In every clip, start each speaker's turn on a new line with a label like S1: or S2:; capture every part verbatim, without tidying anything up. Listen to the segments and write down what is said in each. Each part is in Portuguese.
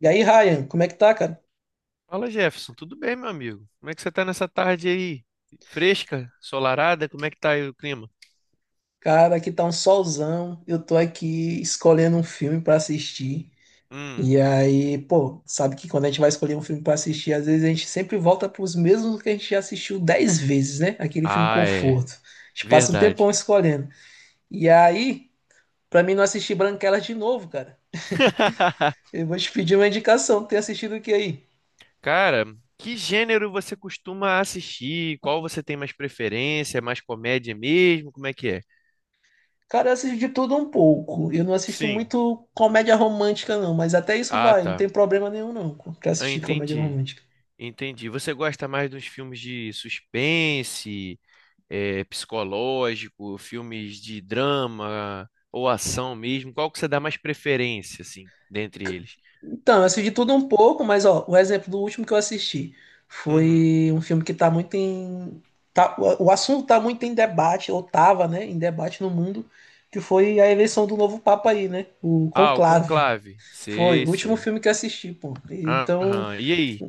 S1: E aí, Ryan, como é que tá, cara?
S2: Fala, Jefferson. Tudo bem, meu amigo? Como é que você tá nessa tarde aí? Fresca? Ensolarada? Como é que tá aí o clima?
S1: Cara, aqui tá um solzão. Eu tô aqui escolhendo um filme pra assistir.
S2: Hum.
S1: E aí, pô, sabe que quando a gente vai escolher um filme pra assistir, às vezes a gente sempre volta pros mesmos que a gente já assistiu dez vezes, né? Aquele filme
S2: Ah, é.
S1: conforto. A gente passa um
S2: Verdade.
S1: tempão escolhendo. E aí, pra mim não assistir Branquelas de novo, cara, eu vou te pedir uma indicação. Tem assistido o que aí?
S2: Cara, que gênero você costuma assistir? Qual você tem mais preferência? É mais comédia mesmo? Como é que é?
S1: Cara, eu assisto de tudo um pouco. Eu não assisto
S2: Sim.
S1: muito comédia romântica, não, mas até isso
S2: Ah,
S1: vai, não
S2: tá.
S1: tem problema nenhum, não, pra
S2: Ah,
S1: assistir comédia
S2: entendi.
S1: romântica.
S2: Entendi. Você gosta mais dos filmes de suspense? é, psicológico, filmes de drama ou ação mesmo? Qual que você dá mais preferência, assim, dentre eles?
S1: Então, eu assisti tudo um pouco, mas ó, o exemplo do último que eu assisti
S2: Uhum.
S1: foi um filme que tá muito em. tá- o o assunto tá muito em debate, ou tava, né? Em debate no mundo, que foi a eleição do novo Papa aí, né? O
S2: Ah, o
S1: Conclave.
S2: Conclave.
S1: Foi
S2: Sei,
S1: o último
S2: sei.
S1: filme que eu assisti, pô. Então,
S2: Aham. E aí?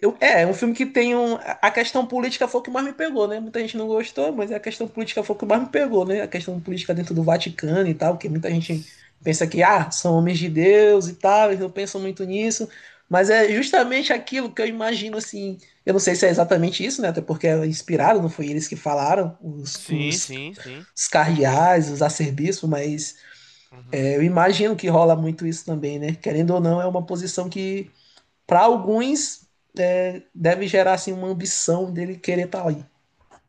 S1: eu- é, é um filme que tem um. A questão política foi o que mais me pegou, né? Muita gente não gostou, mas a questão política foi o que mais me pegou, né? A questão política dentro do Vaticano e tal, que muita gente pensa que, ah, são homens de Deus e tal, eles não pensam muito nisso. Mas é justamente aquilo que eu imagino, assim. Eu não sei se é exatamente isso, né? Até porque é inspirado, não foi eles que falaram, os,
S2: Sim,
S1: os,
S2: sim, sim.
S1: os
S2: Com certeza.
S1: cardeais, os arcebispos, mas
S2: Uhum.
S1: é, eu imagino que rola muito isso também, né? Querendo ou não, é uma posição que para alguns é, deve gerar assim uma ambição dele querer estar tá ali.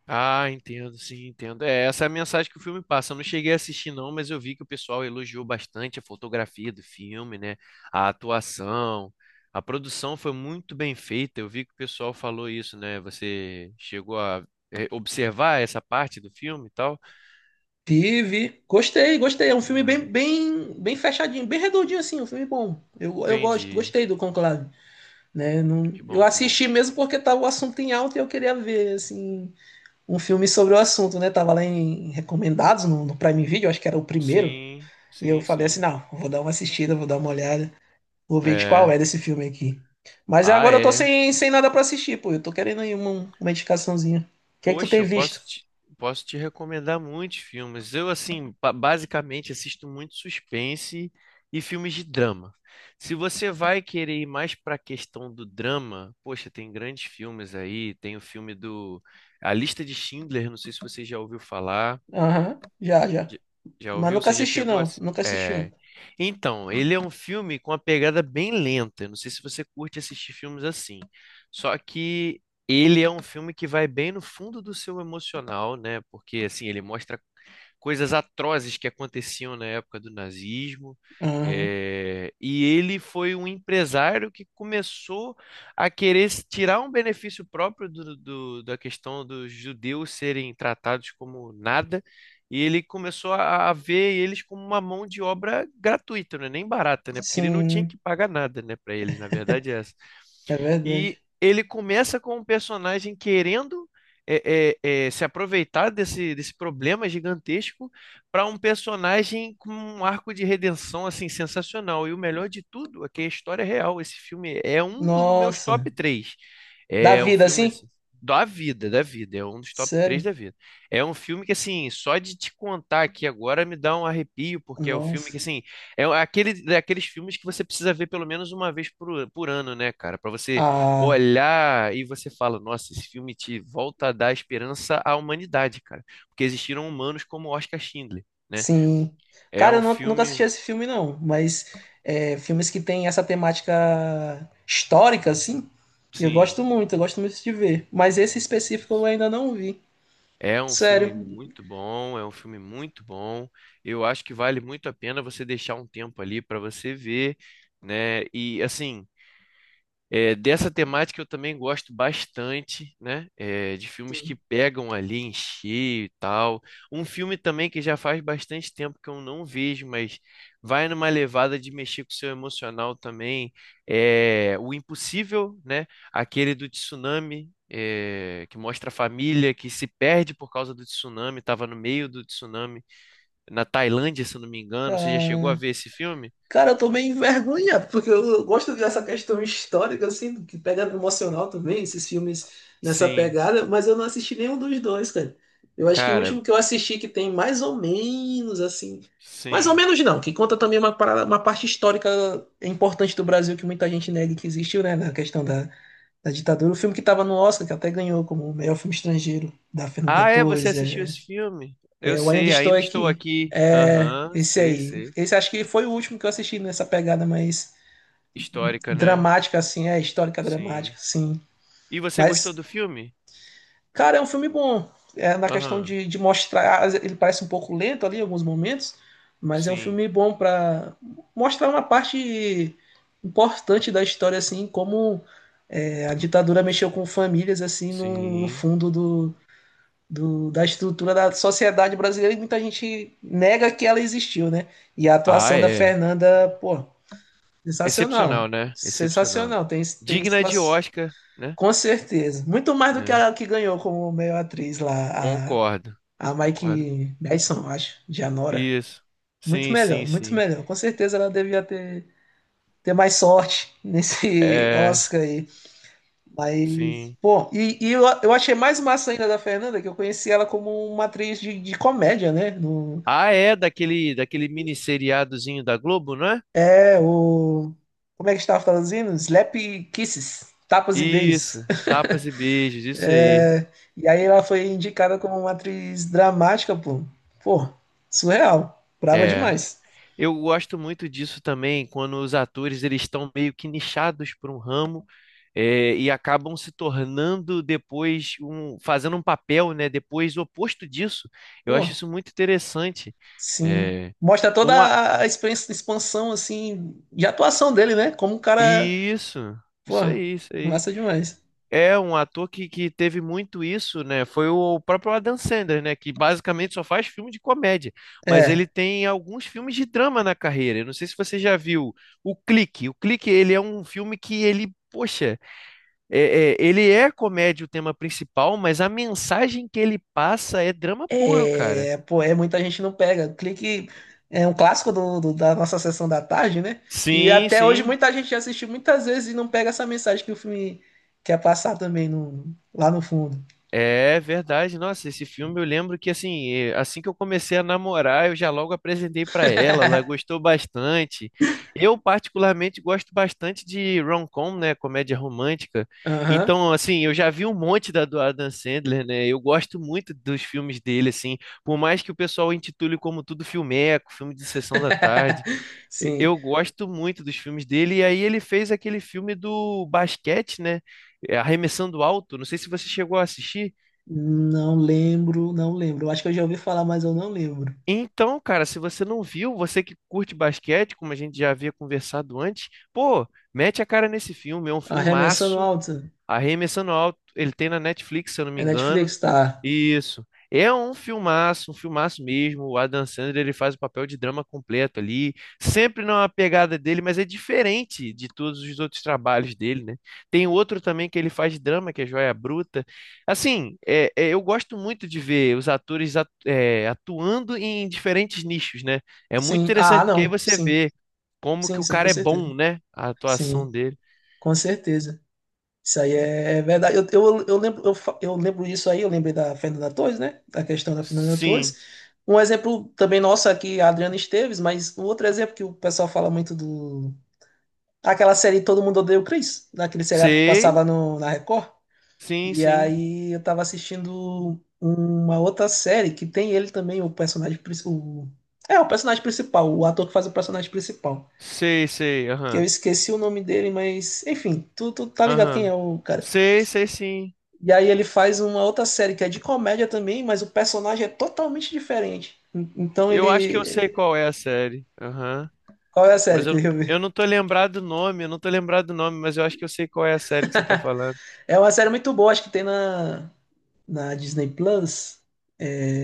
S2: Ah, entendo, sim, entendo. É, essa é a mensagem que o filme passa. Eu não cheguei a assistir, não, mas eu vi que o pessoal elogiou bastante a fotografia do filme, né? A atuação. A produção foi muito bem feita. Eu vi que o pessoal falou isso, né? Você chegou a é, observar essa parte do filme e tal?
S1: Vive, gostei, gostei. É um filme bem,
S2: Hum,
S1: bem, bem fechadinho, bem redondinho assim, um filme bom. Eu, eu gosto,
S2: entendi.
S1: gostei do Conclave, né? Não,
S2: Que
S1: eu
S2: bom, que bom.
S1: assisti mesmo porque tava o assunto em alta e eu queria ver assim um filme sobre o assunto, né? Tava lá em recomendados no, no Prime Video, acho que era o primeiro.
S2: Sim,
S1: E eu
S2: sim,
S1: falei assim,
S2: sim.
S1: não, vou dar uma assistida, vou dar uma olhada. Vou ver de qual
S2: É.
S1: é desse filme aqui. Mas
S2: Ah,
S1: agora eu tô
S2: é.
S1: sem, sem nada pra assistir, pô. Eu tô querendo aí uma, uma indicaçãozinha. O que é que tu
S2: Poxa,
S1: tem
S2: eu posso
S1: visto?
S2: te, posso te recomendar muitos filmes. Eu, assim, ba- basicamente assisto muito suspense e filmes de drama. Se você vai querer ir mais para a questão do drama, poxa, tem grandes filmes aí. Tem o filme do A Lista de Schindler, não sei se você já ouviu falar.
S1: Aham, já, já.
S2: Já já
S1: Mas
S2: ouviu?
S1: nunca
S2: Você já
S1: assisti,
S2: chegou a.
S1: não.
S2: ass-
S1: Nunca assisti, não.
S2: É... Então, ele é um filme com uma pegada bem lenta. Eu não sei se você curte assistir filmes assim. Só que ele é um filme que vai bem no fundo do seu emocional, né? Porque assim, ele mostra coisas atrozes que aconteciam na época do nazismo.
S1: Aham.
S2: É, e ele foi um empresário que começou a querer se tirar um benefício próprio do- do- da questão dos judeus serem tratados como nada, e ele começou a, a ver eles como uma mão de obra gratuita, né? Nem barata, né? Porque ele não tinha
S1: Sim,
S2: que pagar nada, né, para eles, na verdade é essa.
S1: é
S2: E
S1: verdade.
S2: ele começa com um personagem querendo é, é, é, se aproveitar desse, desse problema gigantesco para um personagem com um arco de redenção assim sensacional. E o melhor de tudo é que a história é real. Esse filme é um dos meus
S1: Nossa.
S2: top três.
S1: Da
S2: É um
S1: vida,
S2: filme
S1: assim?
S2: assim, da vida, da vida. É um dos top três
S1: Sério?
S2: da vida. É um filme que, assim, só de te contar aqui agora me dá um arrepio, porque é o filme que,
S1: Nossa.
S2: assim, é aquele, daqueles filmes que você precisa ver pelo menos uma vez por, por ano, né, cara? Para você
S1: Ah,
S2: olhar e você fala, nossa, esse filme te volta a dar esperança à humanidade, cara, porque existiram humanos como Oscar Schindler, né?
S1: sim.
S2: É
S1: Cara,
S2: um
S1: eu nu- nunca assisti
S2: filme,
S1: esse filme, não. Mas é, filmes que têm essa temática histórica, assim, eu
S2: sim,
S1: gosto muito, eu gosto muito de ver. Mas esse específico eu
S2: isso.
S1: ainda não vi.
S2: É um
S1: Sério,
S2: filme muito bom, é um filme muito bom. Eu acho que vale muito a pena você deixar um tempo ali para você ver, né? E assim, é, dessa temática eu também gosto bastante, né? É, de filmes que pegam ali em cheio e tal. Um filme também que já faz bastante tempo que eu não vejo, mas vai numa levada de mexer com o seu emocional também. É O Impossível, né? Aquele do tsunami, é, que mostra a família que se perde por causa do tsunami, estava no meio do tsunami, na Tailândia, se eu não me engano. Você já chegou a
S1: cara.
S2: ver esse filme?
S1: Cara, eu tô meio envergonhado, porque eu gosto dessa questão histórica, assim, que pega no emocional também, esses filmes nessa
S2: Sim,
S1: pegada, mas eu não assisti nenhum dos dois, cara. Eu acho que o
S2: cara,
S1: último que eu assisti que tem mais ou menos, assim. Mais ou
S2: sim.
S1: menos não, que conta também uma, parada- uma parte histórica importante do Brasil que muita gente nega que existiu, né? Na questão da, da ditadura. O filme que tava no Oscar, que até ganhou como melhor filme estrangeiro, da Fernanda
S2: Ah, é? Você
S1: Torres,
S2: assistiu
S1: é.
S2: esse filme? Eu
S1: Eu ainda
S2: sei,
S1: estou
S2: ainda estou
S1: aqui.
S2: aqui.
S1: É,
S2: Aham,
S1: esse
S2: sei,
S1: aí.
S2: sei.
S1: Esse acho que foi o último que eu assisti nessa pegada mais
S2: Histórica, né?
S1: dramática, assim, é histórica dramática,
S2: Sim.
S1: sim.
S2: E você gostou
S1: Mas,
S2: do filme?
S1: cara, é um filme bom. É, na questão
S2: Aham,
S1: de, de mostrar, às vezes ele parece um pouco lento ali em alguns momentos, mas é um
S2: sim,
S1: filme bom para mostrar uma parte importante da história, assim, como é, a ditadura mexeu com famílias, assim, no, no
S2: sim.
S1: fundo do, do- da estrutura da sociedade brasileira e muita gente nega que ela existiu, né? E a
S2: Ah,
S1: atuação da
S2: é.
S1: Fernanda, pô,
S2: Excepcional,
S1: sensacional.
S2: né? Excepcional.
S1: Sensacional. Tem, tem
S2: Digna de
S1: situação.
S2: Oscar, né?
S1: Com certeza. Muito mais do que
S2: É.
S1: a que ganhou como melhor atriz lá, a,
S2: Concordo,
S1: a
S2: concordo.
S1: Mike Madison, acho, de Anora.
S2: Isso.
S1: Muito
S2: Sim, sim,
S1: melhor, muito
S2: sim.
S1: melhor. Com certeza ela devia ter, ter mais sorte nesse
S2: É,
S1: Oscar aí. Mas,
S2: sim.
S1: pô, e, e eu, eu achei mais massa ainda da Fernanda, que eu conheci ela como uma atriz de, de comédia, né? No,
S2: Ah, é daquele, daquele mini seriadozinho da Globo, não é?
S1: é, o. Como é que estava traduzindo? Slap Kisses, tapas e beijos.
S2: Isso. Tapas e beijos, isso aí.
S1: É, e aí ela foi indicada como uma atriz dramática, pô. Pô, surreal. Brava
S2: É.
S1: demais.
S2: Eu gosto muito disso também, quando os atores eles estão meio que nichados por um ramo eh, e acabam se tornando depois um, fazendo um papel, né, depois oposto disso. Eu acho
S1: Pô,
S2: isso muito interessante.
S1: sim.
S2: É,
S1: Mostra toda
S2: um a-
S1: a a expan- expansão, assim, de atuação dele, né? Como o cara.
S2: Isso,
S1: Pô,
S2: isso aí, isso aí.
S1: massa demais.
S2: É um ator que, que teve muito isso, né? Foi o próprio Adam Sandler, né? Que basicamente só faz filme de comédia, mas
S1: É.
S2: ele tem alguns filmes de drama na carreira. Eu não sei se você já viu O Clique. O Clique, ele é um filme que ele, poxa, é- é- ele é comédia o tema principal, mas a mensagem que ele passa é drama puro, cara.
S1: É, pô, é muita gente não pega. Clique é um clássico do, do- da nossa sessão da tarde, né? E
S2: Sim,
S1: até hoje
S2: sim.
S1: muita gente já assistiu muitas vezes e não pega essa mensagem que o filme quer passar também no, lá no fundo.
S2: É verdade, nossa, esse filme eu lembro que assim, eh, assim que eu comecei a namorar, eu já logo apresentei pra ela, ela gostou bastante. Eu particularmente gosto bastante de rom-com, né, comédia romântica.
S1: Aham.
S2: Então, assim, eu já vi um monte da do Adam Sandler, né? Eu gosto muito dos filmes dele assim, por mais que o pessoal intitule como tudo filmeco, filme de sessão da tarde. e-
S1: Sim.
S2: Eu gosto muito dos filmes dele e aí ele fez aquele filme do basquete, né? eh, Arremessando Alto, não sei se você chegou a assistir.
S1: Não lembro, não lembro. Eu acho que eu já ouvi falar, mas eu não lembro.
S2: Então, cara, se você não viu, você que curte basquete, como a gente já havia conversado antes, pô, mete a cara nesse filme, é um
S1: Arremessando
S2: filmaço,
S1: alto.
S2: Arremessando Alto, ele tem na Netflix, se eu não me
S1: É
S2: engano.
S1: Netflix? Tá.
S2: Isso. É um filmaço, um filmaço mesmo. O Adam Sandler, ele faz o papel de drama completo ali, sempre numa pegada dele, mas é diferente de todos os outros trabalhos dele, né? Tem outro também que ele faz drama, que é Joia Bruta. Assim, é- é, eu gosto muito de ver os atores atu- é, atuando em diferentes nichos, né? É muito
S1: Sim. Ah,
S2: interessante, porque aí
S1: não.
S2: você
S1: Sim.
S2: vê como que
S1: Sim,
S2: o
S1: sim, com
S2: cara é
S1: certeza.
S2: bom, né? A atuação
S1: Sim,
S2: dele.
S1: com certeza. Isso aí é é verdade. Eu, eu, eu lembro, eu, fa- eu lembro isso aí, eu lembrei da Fernanda Torres, né? Da questão da Fernanda
S2: Sim,
S1: Torres. Um exemplo também nosso aqui, a Adriana Esteves, mas um outro exemplo que o pessoal fala muito do. Aquela série Todo Mundo Odeia o Chris, naquele seriado que
S2: sei,
S1: passava no, na Record.
S2: sim,
S1: E
S2: sim,
S1: aí eu tava assistindo uma outra série que tem ele também, o personagem principal. É, o personagem principal, o ator que faz o personagem principal.
S2: sei, sei,
S1: Que eu
S2: aham.
S1: esqueci o nome dele, mas enfim, tu, tu tá ligado quem é
S2: Aham.
S1: o cara.
S2: Sei, sei sim.
S1: E aí ele faz uma outra série que é de comédia também, mas o personagem é totalmente diferente. En- Então
S2: Eu acho que eu
S1: ele.
S2: sei qual é a série. Aham.
S1: Qual é a série?
S2: Mas
S1: Que
S2: eu,
S1: eu
S2: eu
S1: ver.
S2: não tô lembrado do nome, eu não tô lembrado do nome, mas eu acho que eu sei qual é a série que você tá falando.
S1: É uma série muito boa, acho que tem na, na Disney Plus.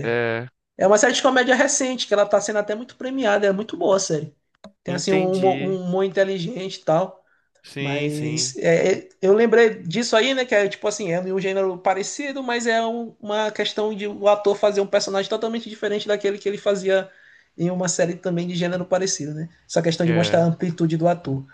S2: É,
S1: É uma série de comédia recente, que ela tá sendo até muito premiada, é muito boa a série. Tem assim um humor, um
S2: entendi.
S1: humor inteligente e tal.
S2: Sim,
S1: Mas
S2: sim.
S1: é, é, eu lembrei disso aí, né? Que é tipo assim, é um gênero parecido, mas é um- uma questão de o ator fazer um personagem totalmente diferente daquele que ele fazia em uma série também de gênero parecido, né? Essa questão de mostrar a
S2: É,
S1: amplitude do ator.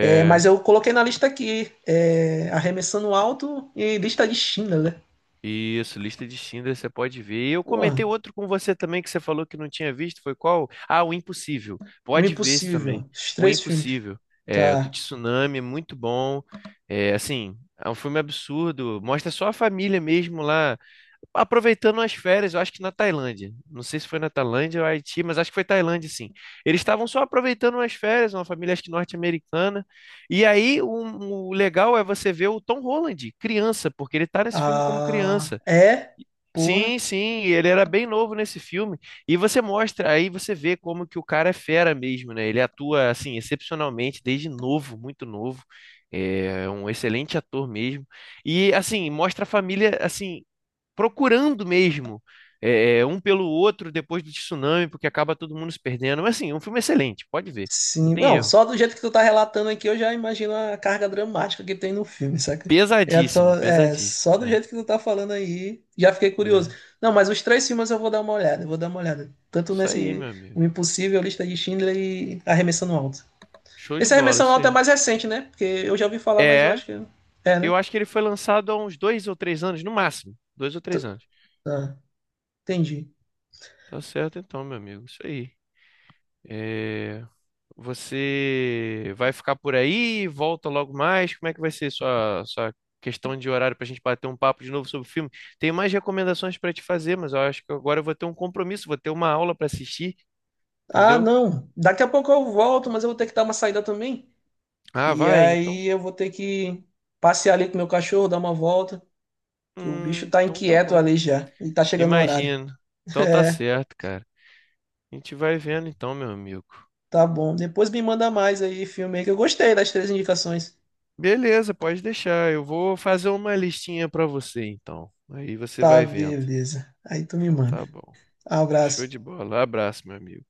S1: É, mas eu coloquei na lista aqui, é, Arremessando Alto e Lista de Schindler, né?
S2: Isso, lista de Schindler, você pode ver. E eu comentei
S1: Porra,
S2: outro com você também que você falou que não tinha visto, foi qual? Ah, O Impossível.
S1: O
S2: Pode ver esse também.
S1: Impossível. Os
S2: O
S1: três filmes.
S2: Impossível. É, do
S1: Tá.
S2: tsunami, é muito bom. É, assim, é um filme absurdo. Mostra só a família mesmo lá, aproveitando as férias, eu acho que na Tailândia. Não sei se foi na Tailândia ou Haiti, mas acho que foi Tailândia, sim. Eles estavam só aproveitando as férias, uma família acho que norte-americana. E aí o, o legal é você ver o Tom Holland, criança, porque ele tá nesse filme como
S1: Ah,
S2: criança.
S1: é. Porra.
S2: Sim, sim, ele era bem novo nesse filme. E você mostra, aí você vê como que o cara é fera mesmo, né? Ele atua assim excepcionalmente desde novo, muito novo. É um excelente ator mesmo. E assim, mostra a família assim procurando mesmo é, um pelo outro depois do tsunami, porque acaba todo mundo se perdendo. Mas assim, é um filme excelente, pode ver, não
S1: Sim,
S2: tem
S1: não,
S2: erro.
S1: só do jeito que tu tá relatando aqui, eu já imagino a carga dramática que tem no filme, saca? É, só-
S2: Pesadíssimo,
S1: é,
S2: pesadíssimo.
S1: só do
S2: É,
S1: jeito que tu tá falando aí, já fiquei curioso.
S2: é.
S1: Não, mas os três filmes eu vou dar uma olhada, eu vou dar uma olhada. Tanto
S2: Isso aí,
S1: nesse
S2: meu amigo.
S1: O Impossível, Lista de Schindler e Arremessando Alto.
S2: Show de
S1: Esse
S2: bola,
S1: Arremessando
S2: isso
S1: Alto é
S2: aí.
S1: mais recente, né? Porque eu já ouvi falar, mas eu
S2: É,
S1: acho que... É, né?
S2: eu acho que ele foi lançado há uns dois ou três anos, no máximo. Dois ou
S1: T-
S2: três anos.
S1: Ah, entendi.
S2: Tá certo então, meu amigo. Isso aí. É... Você vai ficar por aí? Volta logo mais? Como é que vai ser sua, sua questão de horário para a gente bater um papo de novo sobre o filme? Tenho mais recomendações para te fazer, mas eu acho que agora eu vou ter um compromisso, vou ter uma aula para assistir,
S1: Ah,
S2: entendeu?
S1: não, daqui a pouco eu volto, mas eu vou ter que dar uma saída também.
S2: Ah,
S1: E
S2: vai, então.
S1: aí eu vou ter que passear ali com meu cachorro, dar uma volta. Que o
S2: Hum,
S1: bicho tá
S2: então tá
S1: inquieto
S2: bom.
S1: ali já. E tá chegando no horário.
S2: Imagino. Então tá
S1: É,
S2: certo, cara. A gente vai vendo então, meu amigo.
S1: tá bom. Depois me manda mais aí, filme aí, que eu gostei das três indicações.
S2: Beleza, pode deixar. Eu vou fazer uma listinha para você então. Aí você
S1: Tá,
S2: vai vendo.
S1: beleza. Aí tu me
S2: Então
S1: manda.
S2: tá bom. Show
S1: Abraço.
S2: de bola. Abraço, meu amigo.